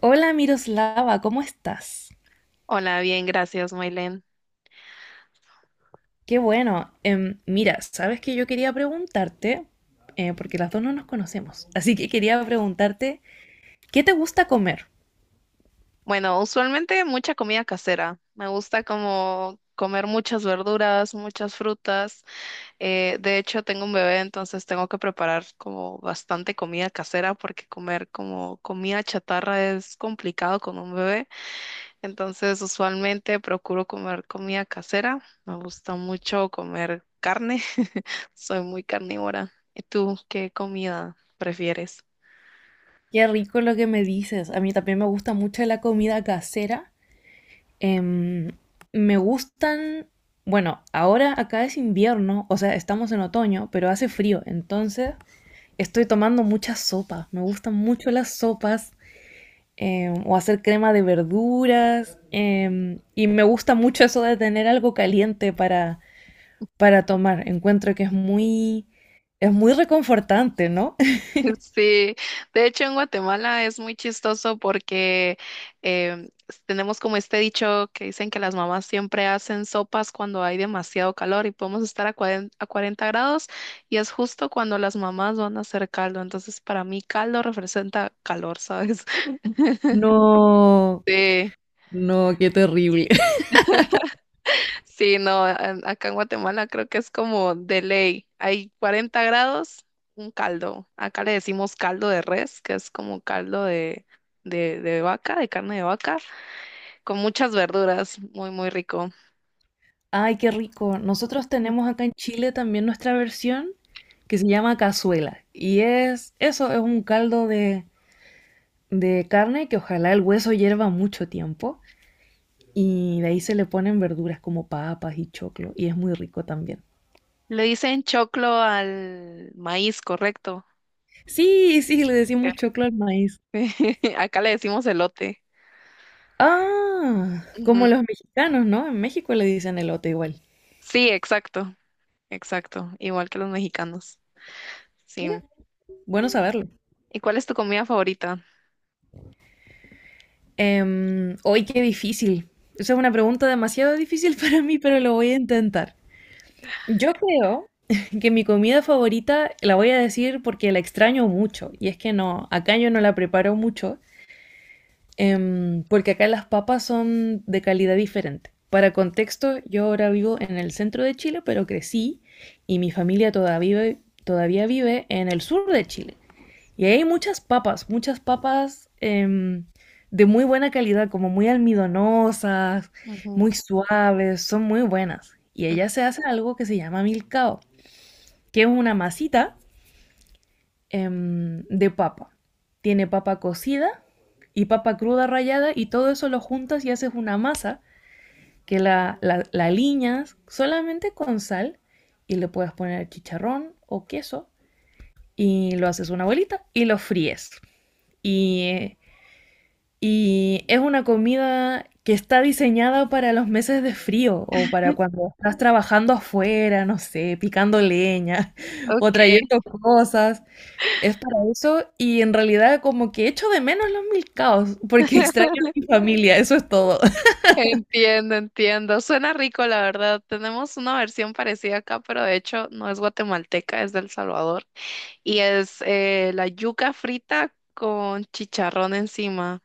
Hola, Miroslava, ¿cómo estás? Hola, bien, gracias, Maylen. Qué bueno. Mira, sabes que yo quería preguntarte, porque las dos no nos conocemos, así que quería preguntarte, ¿qué te gusta comer? Bueno, usualmente mucha comida casera. Me gusta como comer muchas verduras, muchas frutas. De hecho, tengo un bebé, entonces tengo que preparar como bastante comida casera porque comer como comida chatarra es complicado con un bebé. Entonces, usualmente procuro comer comida casera. Me gusta mucho comer carne. Soy muy carnívora. ¿Y tú qué comida prefieres? Qué rico lo que me dices. A mí también me gusta mucho la comida casera. Em, Me gustan, bueno, ahora acá es invierno, o sea, estamos en otoño, pero hace frío, entonces estoy tomando mucha sopa. Me gustan mucho las sopas. O hacer crema de verduras. Y me gusta mucho eso de tener algo caliente para tomar. Encuentro que es muy reconfortante, ¿no? Sí, de hecho en Guatemala es muy chistoso porque em, tenemos como este dicho que dicen que las mamás siempre hacen sopas cuando hay demasiado calor y podemos estar a 40 a 40 grados y es justo cuando las mamás van a hacer caldo. Entonces para mí caldo representa calor, ¿sabes? No, Sí. no, qué terrible. Sí, no, acá en Guatemala creo que es como de ley. Hay 40 grados, un caldo. Acá le decimos caldo de res, que es como caldo de vaca, de carne de vaca, con muchas verduras, muy, muy rico. Ay, qué rico. Nosotros tenemos acá en Chile también nuestra versión que se llama cazuela. Y es eso, es un caldo de carne que ojalá el hueso hierva mucho tiempo. Y de ahí se le ponen verduras como papas y choclo. Y es muy rico también. Le dicen choclo al maíz, correcto. Sí, sí, le decimos choclo al maíz. Acá le decimos elote. Ah, Ujú. como los mexicanos, ¿no? En México le dicen elote igual. Sí, exacto, exacto, igual que los mexicanos. Sí. Mira, bueno saberlo. ¿Y cuál es tu comida favorita? Hoy qué difícil. Esa es una pregunta demasiado difícil para mí, pero lo voy a intentar. Yo creo que mi comida favorita la voy a decir porque la extraño mucho. Y es que no, acá yo no la preparo mucho. Porque acá las papas son de calidad diferente. Para contexto, yo ahora vivo en el centro de Chile, pero crecí y mi familia todavía, todavía vive en el sur de Chile. Y ahí hay muchas papas de muy buena calidad, como muy almidonosas, Ujú. muy suaves, son muy buenas. Y allá se hace algo que se llama milcao, que es una masita de papa. Tiene papa cocida y papa cruda rallada y todo eso lo juntas y haces una masa que la aliñas solamente con sal y le puedes poner chicharrón o queso y lo haces una bolita y lo fríes. Y, y es una comida que está diseñada para los meses de frío o para cuando estás trabajando afuera, no sé, picando leña o Ok. trayendo cosas. Es para eso y en realidad como que echo de menos los milcaos porque extraño a mi familia, eso es todo. Entiendo, entiendo. Suena rico, la verdad. Tenemos una versión parecida acá, pero de hecho no es guatemalteca, es del Salvador. Y es la yuca frita con chicharrón encima.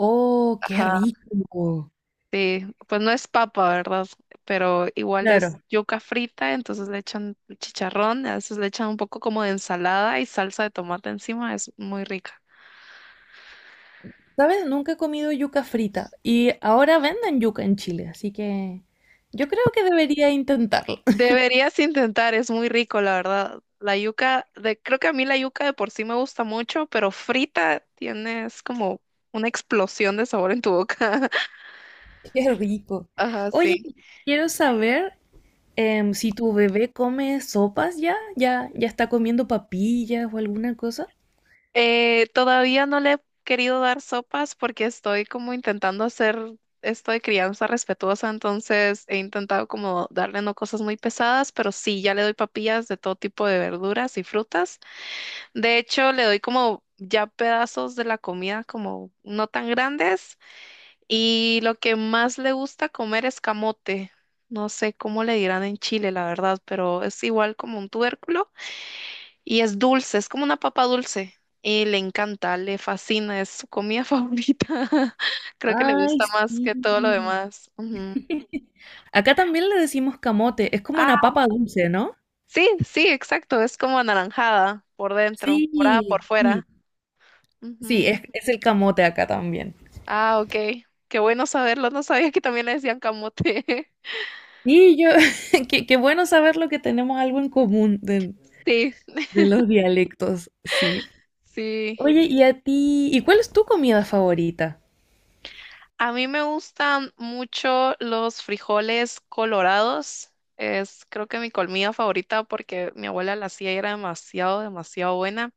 Oh, qué Ajá, rico. sí. Pues no es papa, ¿verdad? Pero igual es Claro. yuca frita, entonces le echan chicharrón, a veces le echan un poco como de ensalada y salsa de tomate encima. Es muy rica. ¿Sabes? Nunca he comido yuca frita y ahora venden yuca en Chile, así que yo creo que debería intentarlo. Deberías intentar, es muy rico, la verdad. La yuca, de, creo que a mí la yuca de por sí me gusta mucho, pero frita tienes como una explosión de sabor en tu boca. Qué rico. Ajá, Oye, sí. quiero saber si tu bebé come sopas ya, ya está comiendo papillas o alguna cosa. Todavía no le he querido dar sopas porque estoy como intentando hacer esto de crianza respetuosa, entonces he intentado como darle no cosas muy pesadas, pero sí, ya le doy papillas de todo tipo de verduras y frutas. De hecho, le doy como ya pedazos de la comida como no tan grandes. Y lo que más le gusta comer es camote. No sé cómo le dirán en Chile, la verdad, pero es igual como un tubérculo y es dulce, es como una papa dulce. Y le encanta, le fascina, es su comida favorita. Creo que le Ay, gusta más que todo lo sí. demás. Ujú. Acá también le decimos camote, es como una Ah, papa dulce, ¿no? sí, sí, exacto, es como anaranjada por dentro, morada por Sí, sí, fuera. sí, Ujú. Es el camote acá también. Ah, ok, qué bueno saberlo, no sabía que también le decían camote. Y yo, qué, qué bueno saberlo que tenemos algo en común Sí, de los dialectos, sí. sí. Oye, ¿y a ti? ¿Y cuál es tu comida favorita? A mí me gustan mucho los frijoles colorados. Es creo que mi comida favorita porque mi abuela la hacía y era demasiado, demasiado buena.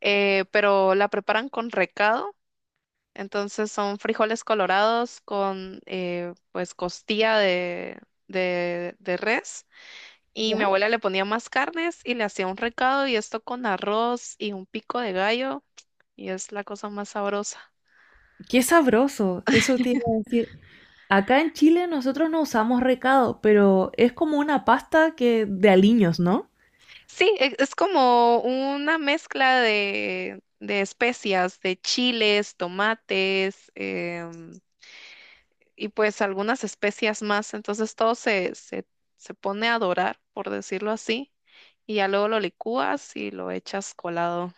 Pero la preparan con recado. Entonces son frijoles colorados con pues costilla de res. Y mi ¿Ya? abuela le ponía más carnes y le hacía un recado y esto con arroz y un pico de gallo. Y es la cosa más sabrosa. Qué sabroso, eso te iba a decir. Acá en Chile nosotros no usamos recado, pero es como una pasta que de aliños, ¿no? Sí, es como una mezcla de especias, de chiles, tomates, y pues algunas especias más. Entonces todo se pone a dorar, por decirlo así, y ya luego lo licúas y lo echas colado.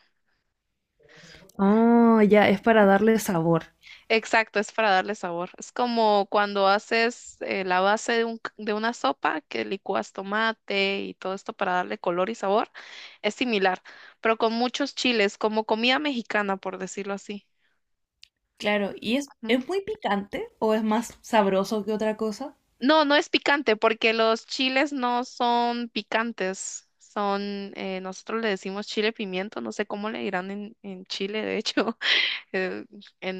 Ah, ya, es para darle sabor. Exacto, es para darle sabor. Es como cuando haces la base de de una sopa que licuas tomate y todo esto para darle color y sabor. Es similar, pero con muchos chiles, como comida mexicana, por decirlo así. Claro, ¿y Ujú. es muy picante o es más sabroso que otra cosa? No, no es picante porque los chiles no son picantes. Son, nosotros le decimos chile pimiento, no sé cómo le dirán en Chile, de hecho, eh,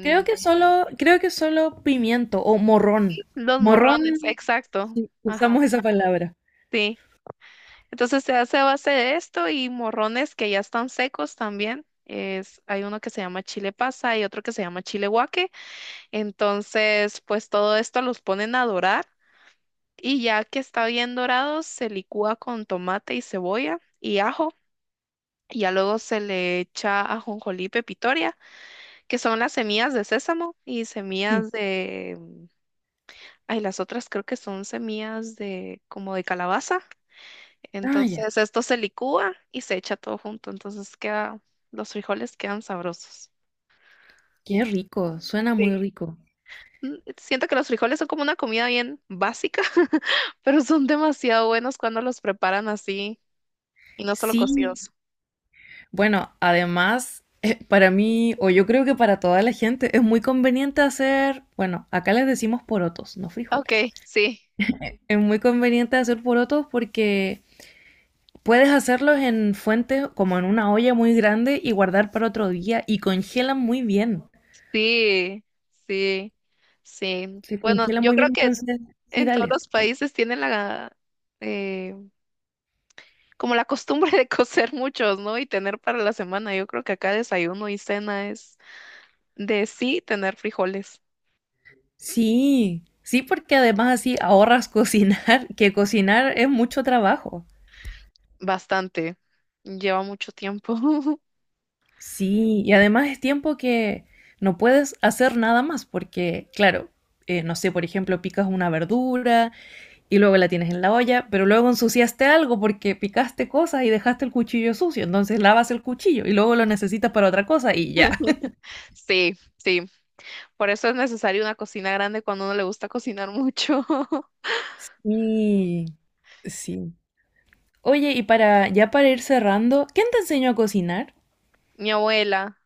Creo que solo pimiento o morrón. los Morrón, morrones, exacto. sí, Ajá, usamos esa palabra. sí. Entonces se hace a base de esto y morrones que ya están secos también. Es, hay uno que se llama chile pasa y otro que se llama chile guaque. Entonces, pues todo esto los ponen a dorar y ya que está bien dorado, se licúa con tomate y cebolla y ajo. Y ya luego se le echa ajonjolí y pepitoria, que son las semillas de sésamo y Sí. semillas de. Ay, las otras creo que son semillas de como de calabaza. Ah, ya. Entonces esto se licúa y se echa todo junto, entonces queda, los frijoles quedan sabrosos. Qué rico, suena muy Sí. rico. Siento que los frijoles son como una comida bien básica, pero son demasiado buenos cuando los preparan así y no solo Sí, cocidos. bueno, además, para mí, o yo creo que para toda la gente, es muy conveniente hacer, bueno, acá les decimos porotos, no Ok, frijoles. sí, Es muy conveniente hacer porotos porque puedes hacerlos en fuentes como en una olla muy grande y guardar para otro día y congelan muy bien. sí, sí, sí. Se Bueno, congelan yo muy creo bien, que entonces sí, en todos dale. los países tienen la, eh, como la costumbre de cocer muchos, ¿no? Y tener para la semana. Yo creo que acá desayuno y cena es de sí tener frijoles. Sí, sí, porque además así ahorras cocinar, que cocinar es mucho trabajo. Bastante. Lleva mucho tiempo. Sí, y además es tiempo que no puedes hacer nada más porque, claro, no sé, por ejemplo, picas una verdura, y luego la tienes en la olla, pero luego ensuciaste algo porque picaste cosas y dejaste el cuchillo sucio, entonces lavas el cuchillo y luego lo necesitas para otra cosa y ya. Sí, sí. Por eso es necesario una cocina grande cuando a uno le gusta cocinar mucho. Y sí. Oye, y para ya para ir cerrando, ¿quién te enseñó a cocinar? Mi abuela,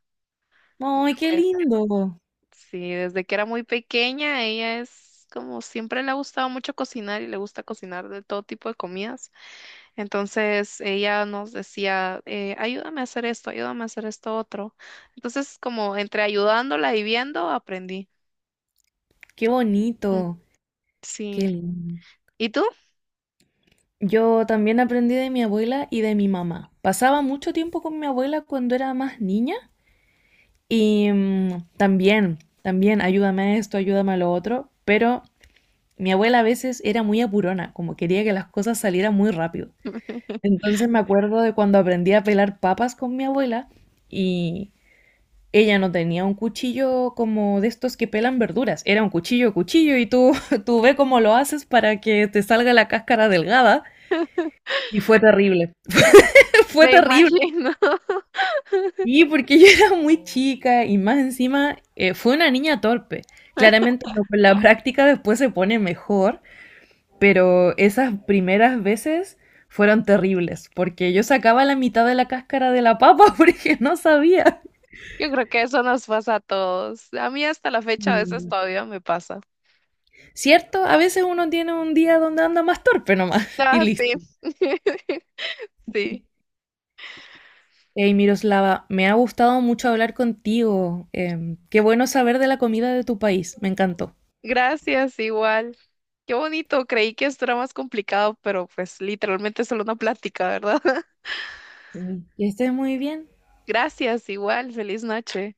mi ¡Ay, qué abuela. lindo! Sí, desde que era muy pequeña, ella es como siempre le ha gustado mucho cocinar y le gusta cocinar de todo tipo de comidas. Entonces ella nos decía, ayúdame a hacer esto, ayúdame a hacer esto otro. Entonces, como entre ayudándola y viendo, aprendí. ¡Qué Mm, bonito! ¡Qué sí. lindo! ¿Y tú? Yo también aprendí de mi abuela y de mi mamá. Pasaba mucho tiempo con mi abuela cuando era más niña y mm, también, también, ayúdame a esto, ayúdame a lo otro, pero mi abuela a veces era muy apurona, como quería que las cosas salieran muy rápido. Entonces me acuerdo de cuando aprendí a pelar papas con mi abuela y ella no tenía un cuchillo como de estos que pelan verduras, era un cuchillo, cuchillo y tú, tú ve cómo lo haces para que te salga la cáscara delgada y fue terrible, fue Me terrible. imagino. Y porque yo era muy chica y más encima fue una niña torpe. Claramente no, con la práctica después se pone mejor, pero esas primeras veces fueron terribles, porque yo sacaba la mitad de la cáscara de la papa porque no sabía. Yo creo que eso nos pasa a todos. A mí hasta la fecha a veces todavía me pasa. Cierto, a veces uno tiene un día donde anda más torpe nomás y Ah, sí. listo. Sí. Hey, Miroslava, me ha gustado mucho hablar contigo. Qué bueno saber de la comida de tu país, me encantó. Gracias, igual. Qué bonito, creí que esto era más complicado, pero pues literalmente es solo una plática, ¿verdad? Que estés muy bien. Gracias, igual. Feliz noche.